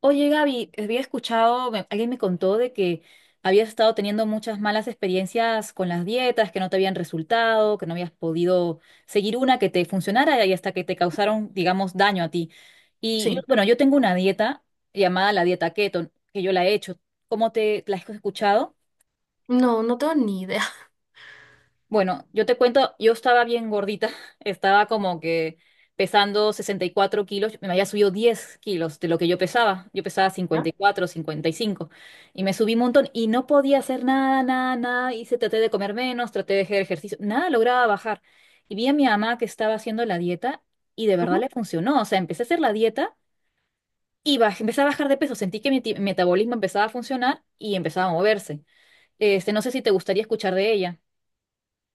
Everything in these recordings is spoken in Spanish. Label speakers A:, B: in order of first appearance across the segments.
A: Oye, Gaby, había escuchado, alguien me contó de que habías estado teniendo muchas malas experiencias con las dietas, que no te habían resultado, que no habías podido seguir una que te funcionara y hasta que te causaron, digamos, daño a ti. Y yo,
B: Sí,
A: bueno, yo tengo una dieta llamada la dieta keto, que yo la he hecho. ¿Cómo te la has escuchado?
B: no, no tengo ni idea.
A: Bueno, yo te cuento, yo estaba bien gordita, estaba como que pesando 64 kilos, me había subido 10 kilos de lo que yo pesaba
B: ¿Ya?
A: 54, 55, y cinco, y me subí un montón y no podía hacer nada, nada, nada, traté de comer menos, traté de hacer ejercicio, nada lograba bajar. Y vi a mi mamá que estaba haciendo la dieta y de verdad
B: Ujú.
A: le funcionó, o sea, empecé a hacer la dieta y empecé a bajar de peso, sentí que mi metabolismo empezaba a funcionar y empezaba a moverse. Este, no sé si te gustaría escuchar de ella.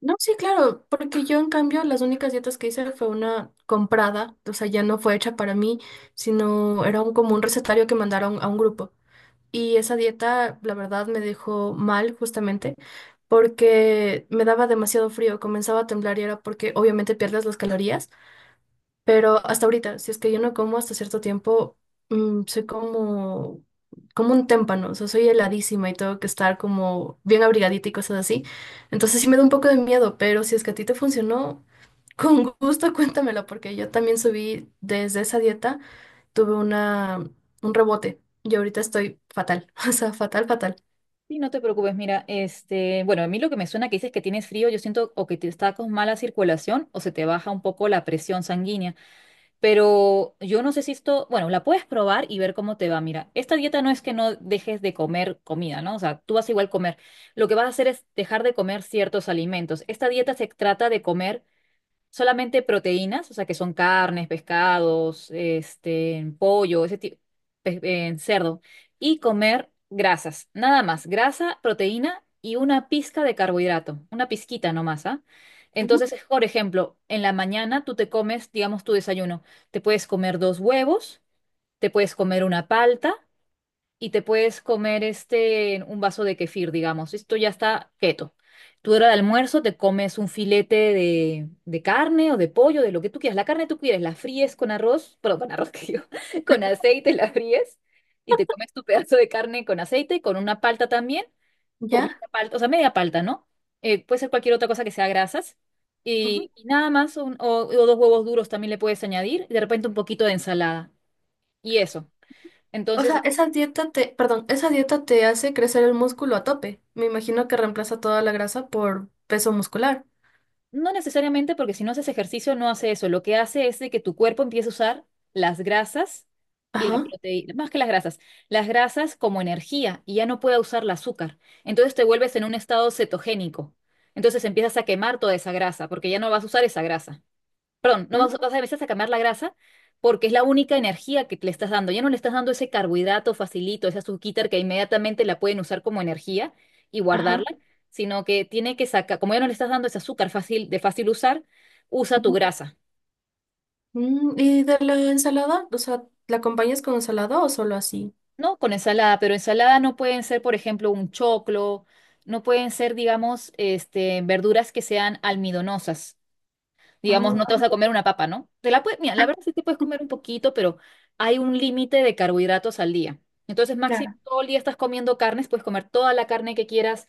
B: No, sí, claro, porque yo en cambio las únicas dietas que hice fue una comprada, o sea, ya no fue hecha para mí, como un recetario que mandaron a un grupo. Y esa dieta, la verdad, me dejó mal justamente porque me daba demasiado frío, comenzaba a temblar y era porque obviamente pierdes las calorías. Pero hasta ahorita, si es que yo no como hasta cierto tiempo, soy como un témpano, o sea, soy heladísima y tengo que estar como bien abrigadita y cosas así. Entonces sí me da un poco de miedo, pero si es que a ti te funcionó, con gusto cuéntamelo, porque yo también subí desde esa dieta, tuve una, un rebote y ahorita estoy fatal, o sea, fatal, fatal.
A: Sí, no te preocupes, mira, este, bueno, a mí lo que me suena que dices que tienes frío, yo siento o que te está con mala circulación o se te baja un poco la presión sanguínea, pero yo no sé si esto, bueno, la puedes probar y ver cómo te va. Mira, esta dieta no es que no dejes de comer comida, ¿no? O sea, tú vas a igual comer. Lo que vas a hacer es dejar de comer ciertos alimentos. Esta dieta se trata de comer solamente proteínas, o sea, que son carnes, pescados, este, pollo, ese tipo, cerdo, y comer grasas, nada más, grasa, proteína y una pizca de carbohidrato, una pizquita nomás, ¿ah? Entonces, por ejemplo, en la mañana tú te comes, digamos, tu desayuno, te puedes comer dos huevos, te puedes comer una palta, y te puedes comer este, un vaso de kefir, digamos. Esto ya está keto. Tu hora de almuerzo te comes un filete de carne o de pollo, de lo que tú quieras. La carne tú quieres, la fríes con arroz, pero con arroz que digo, con aceite la fríes y te comes tu pedazo de carne con aceite, con una palta también, con
B: ¿Ya?
A: media palta, o sea, media palta, ¿no? Puede ser cualquier otra cosa que sea grasas.
B: Ujú.
A: Y nada más, o dos huevos duros también le puedes añadir, y de repente un poquito de ensalada. Y eso.
B: O
A: Entonces,
B: sea, perdón, esa dieta te hace crecer el músculo a tope. Me imagino que reemplaza toda la grasa por peso muscular.
A: no necesariamente porque si no haces ejercicio no hace eso. Lo que hace es de que tu cuerpo empiece a usar las grasas y
B: Ajá,
A: la proteína, más que las grasas como energía y ya no puede usar el azúcar. Entonces te vuelves en un estado cetogénico. Entonces empiezas a quemar toda esa grasa porque ya no vas a usar esa grasa, perdón, no
B: ah,
A: vas, vas a veces a quemar la grasa porque es la única energía que le estás dando. Ya no le estás dando ese carbohidrato facilito, esa azuquita que inmediatamente la pueden usar como energía y guardarla,
B: ajá.
A: sino que tiene que sacar, como ya no le estás dando ese azúcar fácil, de fácil usar, usa tu
B: Ujú.
A: grasa,
B: Mm, ¿y de la ensalada? O sea, ¿la acompañas con ensalada o solo así?
A: ¿no? Con ensalada, pero ensalada no pueden ser, por ejemplo, un choclo, no pueden ser, digamos, este, verduras que sean almidonosas.
B: Ajá,
A: Digamos, no te
B: ajá.
A: vas a comer una papa, ¿no? Te la puedes, mira, la verdad sí te puedes comer un poquito, pero hay un límite de carbohidratos al día. Entonces, máximo
B: Claro,
A: todo el día estás comiendo carnes, puedes comer toda la carne que quieras,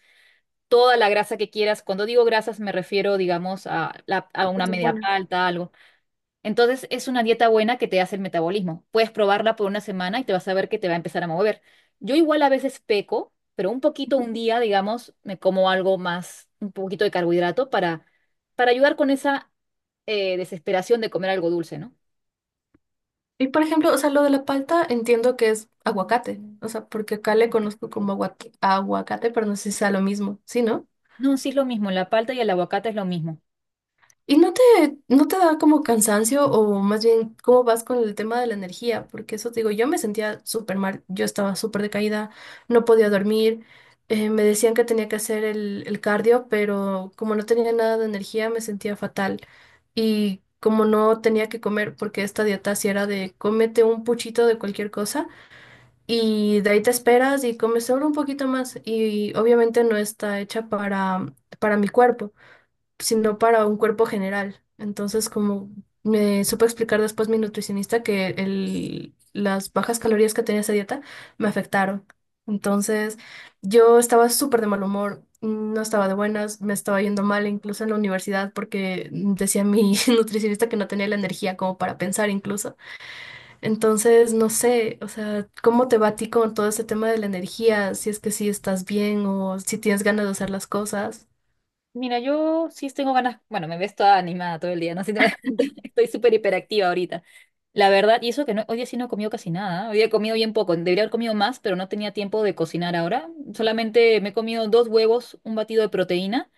A: toda la grasa que quieras. Cuando digo grasas me refiero, digamos, a
B: es
A: una media
B: buena.
A: palta, algo. Entonces es una dieta buena que te hace el metabolismo. Puedes probarla por una semana y te vas a ver que te va a empezar a mover. Yo igual a veces peco, pero un poquito un día, digamos, me como algo más, un poquito de carbohidrato para ayudar con esa desesperación de comer algo dulce, ¿no?
B: Y por ejemplo, o sea, lo de la palta entiendo que es aguacate, o sea, porque acá le conozco como aguac- aguacate, pero no sé si sea lo mismo, ¿sí, no?
A: No, sí es lo mismo, la palta y el aguacate es lo mismo.
B: ¿Y no te, no te da como cansancio o más bien cómo vas con el tema de la energía? Porque eso te digo, yo me sentía súper mal, yo estaba súper decaída, no podía dormir, me decían que tenía que hacer el cardio, pero como no tenía nada de energía me sentía fatal. Y como no tenía que comer, porque esta dieta sí era de cómete un puchito de cualquier cosa y de ahí te esperas y comes solo un poquito más y obviamente no está hecha para mi cuerpo sino para un cuerpo general. Entonces, como me supo explicar después mi nutricionista que las bajas calorías que tenía esa dieta me afectaron. Entonces, yo estaba súper de mal humor, no estaba de buenas, me estaba yendo mal incluso en la universidad porque decía mi nutricionista que no tenía la energía como para pensar incluso. Entonces, no sé, o sea, ¿cómo te va a ti con todo ese tema de la energía? Si es que sí estás bien o si tienes ganas de hacer las cosas.
A: Mira, yo sí tengo ganas, bueno, me ves toda animada todo el día, no sé si te das cuenta, estoy súper hiperactiva ahorita. La verdad, y eso que no, hoy día sí no he comido casi nada, hoy día he comido bien poco, debería haber comido más, pero no tenía tiempo de cocinar ahora. Solamente me he comido dos huevos, un batido de proteína.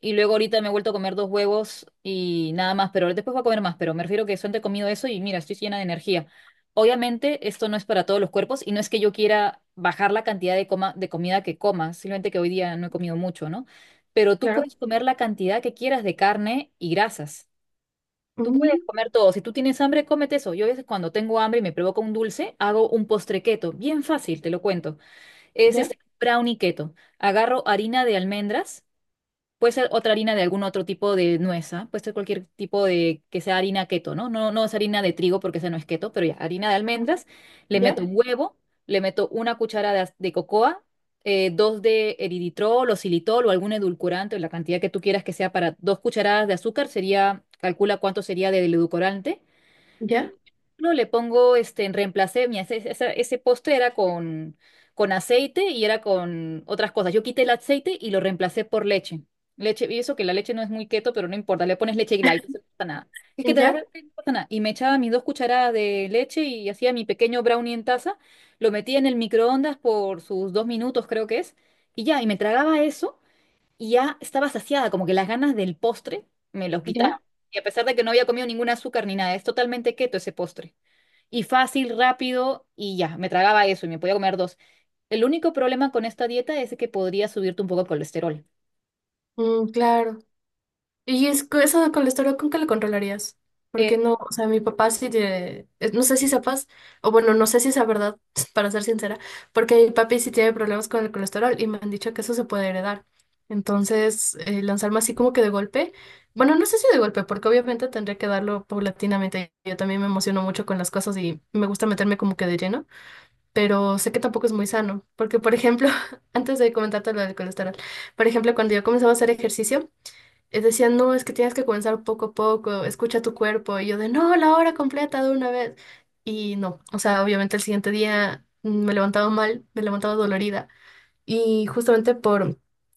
A: Y luego ahorita me he vuelto a comer dos huevos y nada más, pero después voy a comer más, pero me refiero que solamente he comido eso y mira, estoy llena de energía. Obviamente esto no es para todos los cuerpos y no es que yo quiera bajar la cantidad de, coma, de comida que coma, simplemente que hoy día no he comido mucho, ¿no? Pero tú
B: Claro.
A: puedes comer la cantidad que quieras de carne y grasas. Tú puedes
B: Mm.
A: comer todo. Si tú tienes hambre, cómete eso. Yo a veces cuando tengo hambre y me provoca un dulce, hago un postre keto. Bien fácil, te lo cuento. Es
B: ¿Ya?
A: este brownie keto. Agarro harina de almendras. Puede ser otra harina de algún otro tipo de nuez, ¿ah? Puede ser cualquier tipo de que sea harina keto, ¿no? No, no es harina de trigo porque esa no es keto, pero ya, harina de almendras. Le
B: Ya,
A: meto un huevo, le meto una cuchara de cocoa, dos de eritritol o xilitol o algún edulcorante, o la cantidad que tú quieras que sea para 2 cucharadas de azúcar, sería, calcula cuánto sería del edulcorante.
B: ya,
A: No, le pongo, este, en reemplacé, mira, ese postre era con aceite y era con otras cosas. Yo quité el aceite y lo reemplacé por leche. Leche, y eso que la leche no es muy keto, pero no importa, le pones leche y light, eso no pasa nada. Es que te de
B: ya,
A: verdad no pasa nada. Y me echaba mis 2 cucharadas de leche y hacía mi pequeño brownie en taza, lo metía en el microondas por sus 2 minutos, creo que es, y ya, y me tragaba eso y ya estaba saciada, como que las ganas del postre me los
B: ya.
A: quitaba. Y a pesar de que no había comido ningún azúcar ni nada, es totalmente keto ese postre y fácil, rápido y ya, me tragaba eso y me podía comer dos. El único problema con esta dieta es que podría subirte un poco el colesterol.
B: Mm, claro. Y es que eso con el estómago, ¿con qué lo controlarías? Porque
A: Eh,
B: no, o sea, mi papá sí tiene, no sé si sepas, o bueno, no sé si es verdad, para ser sincera, porque mi papi sí tiene problemas con el colesterol y me han dicho que eso se puede heredar. Entonces, lanzarme así como que de golpe, bueno, no sé si de golpe, porque obviamente tendría que darlo paulatinamente. Yo también me emociono mucho con las cosas y me gusta meterme como que de lleno. Pero sé que tampoco es muy sano, porque por ejemplo, antes de comentarte lo del colesterol, por ejemplo, cuando yo comenzaba a hacer ejercicio, decían, no, es que tienes que comenzar poco a poco, escucha tu cuerpo, y yo de, no, la hora completa de una vez, y no, o sea, obviamente el siguiente día me levantaba mal, me levantaba dolorida, y justamente por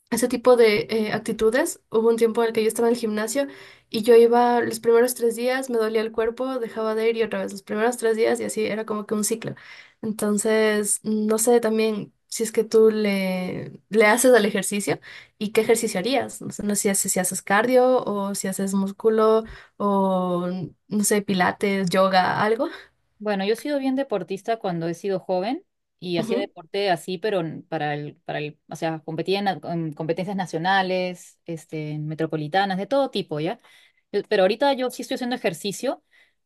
B: ese tipo de actitudes, hubo un tiempo en el que yo estaba en el gimnasio y yo iba los primeros tres días, me dolía el cuerpo, dejaba de ir y otra vez los primeros tres días y así era como que un ciclo. Entonces, no sé también si es que le haces al ejercicio y qué ejercicio harías. No sé, no sé si, si haces cardio o si haces músculo o, no sé, pilates, yoga, algo.
A: Bueno, yo he sido bien deportista cuando he sido joven y hacía
B: Ujú.
A: deporte así, pero para el, o sea, competía en competencias nacionales, este, metropolitanas, de todo tipo, ¿ya? Pero ahorita yo sí estoy haciendo ejercicio,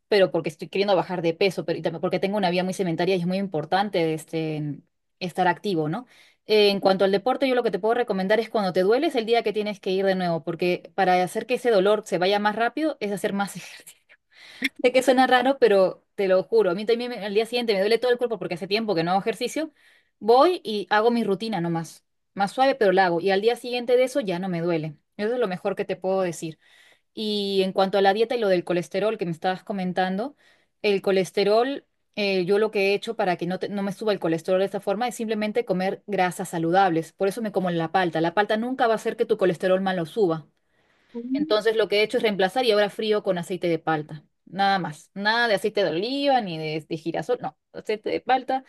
A: pero porque estoy queriendo bajar de peso, pero y también porque tengo una vida muy sedentaria y es muy importante, este, estar activo, ¿no? En cuanto al deporte, yo lo que te puedo recomendar es cuando te duele es el día que tienes que ir de nuevo, porque para hacer que ese dolor se vaya más rápido es hacer más ejercicio. Sé que suena raro, pero te lo juro, a mí también al día siguiente me duele todo el cuerpo porque hace tiempo que no hago ejercicio. Voy y hago mi rutina nomás, más suave, pero la hago. Y al día siguiente de eso ya no me duele. Eso es lo mejor que te puedo decir. Y en cuanto a la dieta y lo del colesterol que me estabas comentando, el colesterol, yo lo que he hecho para que no me suba el colesterol de esta forma es simplemente comer grasas saludables. Por eso me como la palta. La palta nunca va a hacer que tu colesterol malo suba.
B: Mm.
A: Entonces lo que he hecho es reemplazar y ahora frío con aceite de palta. Nada más. Nada de aceite de oliva ni de girasol. No, aceite de palta.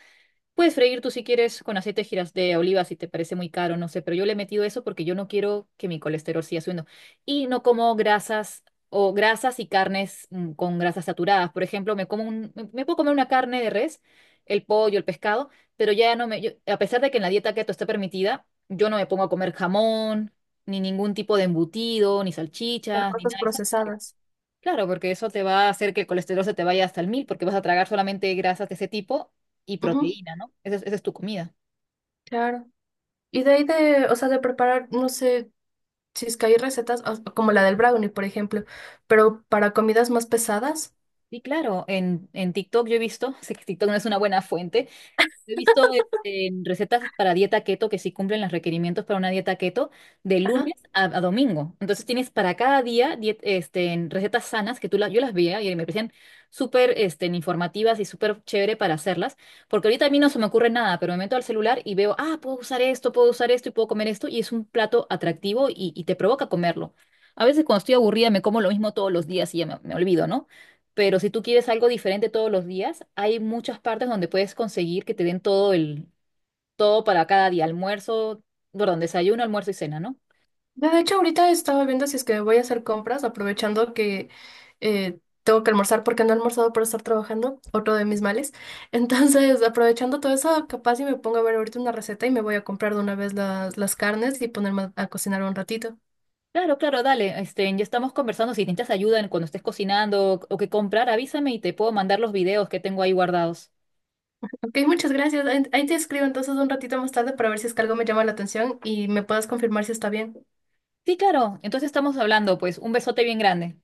A: Puedes freír tú si quieres con aceite de giras de oliva si te parece muy caro, no sé, pero yo le he metido eso porque yo no quiero que mi colesterol siga subiendo. Y no como grasas o grasas y carnes con grasas saturadas. Por ejemplo, me como un, me me puedo comer una carne de res, el pollo, el pescado, pero ya no me, a pesar de que en la dieta keto está permitida, yo no me pongo a comer jamón, ni ningún tipo de embutido, ni
B: Las
A: salchichas, ni
B: cosas
A: nada de eso.
B: procesadas.
A: Claro, porque eso te va a hacer que el colesterol se te vaya hasta el mil, porque vas a tragar solamente grasas de ese tipo y
B: Ujú,
A: proteína, ¿no? Esa es tu comida.
B: claro. Y o sea, de preparar, no sé si es que hay recetas o- como la del brownie, por ejemplo, pero para comidas más pesadas.
A: Y claro, en TikTok yo he visto, sé que TikTok no es una buena fuente. He visto este, en recetas para dieta keto que sí cumplen los requerimientos para una dieta keto de
B: Ajá.
A: lunes a domingo. Entonces tienes para cada día en recetas sanas que yo las veía y me parecían súper informativas y súper chévere para hacerlas. Porque ahorita a mí no se me ocurre nada, pero me meto al celular y veo, ah, puedo usar esto y puedo comer esto. Y es un plato atractivo y te provoca comerlo. A veces cuando estoy aburrida me como lo mismo todos los días y ya me olvido, ¿no? Pero si tú quieres algo diferente todos los días, hay muchas partes donde puedes conseguir que te den todo para cada día, almuerzo, perdón, desayuno, almuerzo y cena, ¿no?
B: De hecho, ahorita estaba viendo si es que voy a hacer compras, aprovechando que tengo que almorzar porque no he almorzado por estar trabajando, otro de mis males. Entonces, aprovechando todo eso, capaz y me pongo a ver ahorita una receta y me voy a comprar de una vez las carnes y ponerme a cocinar un ratito.
A: Claro, claro, dale, ya estamos conversando, si necesitas ayuda cuando estés cocinando o que comprar, avísame y te puedo mandar los videos que tengo ahí guardados.
B: Ok, muchas gracias. Ahí ahí te escribo entonces un ratito más tarde para ver si es que algo me llama la atención y me puedas confirmar si está bien.
A: Sí, claro, entonces estamos hablando, pues un besote bien grande.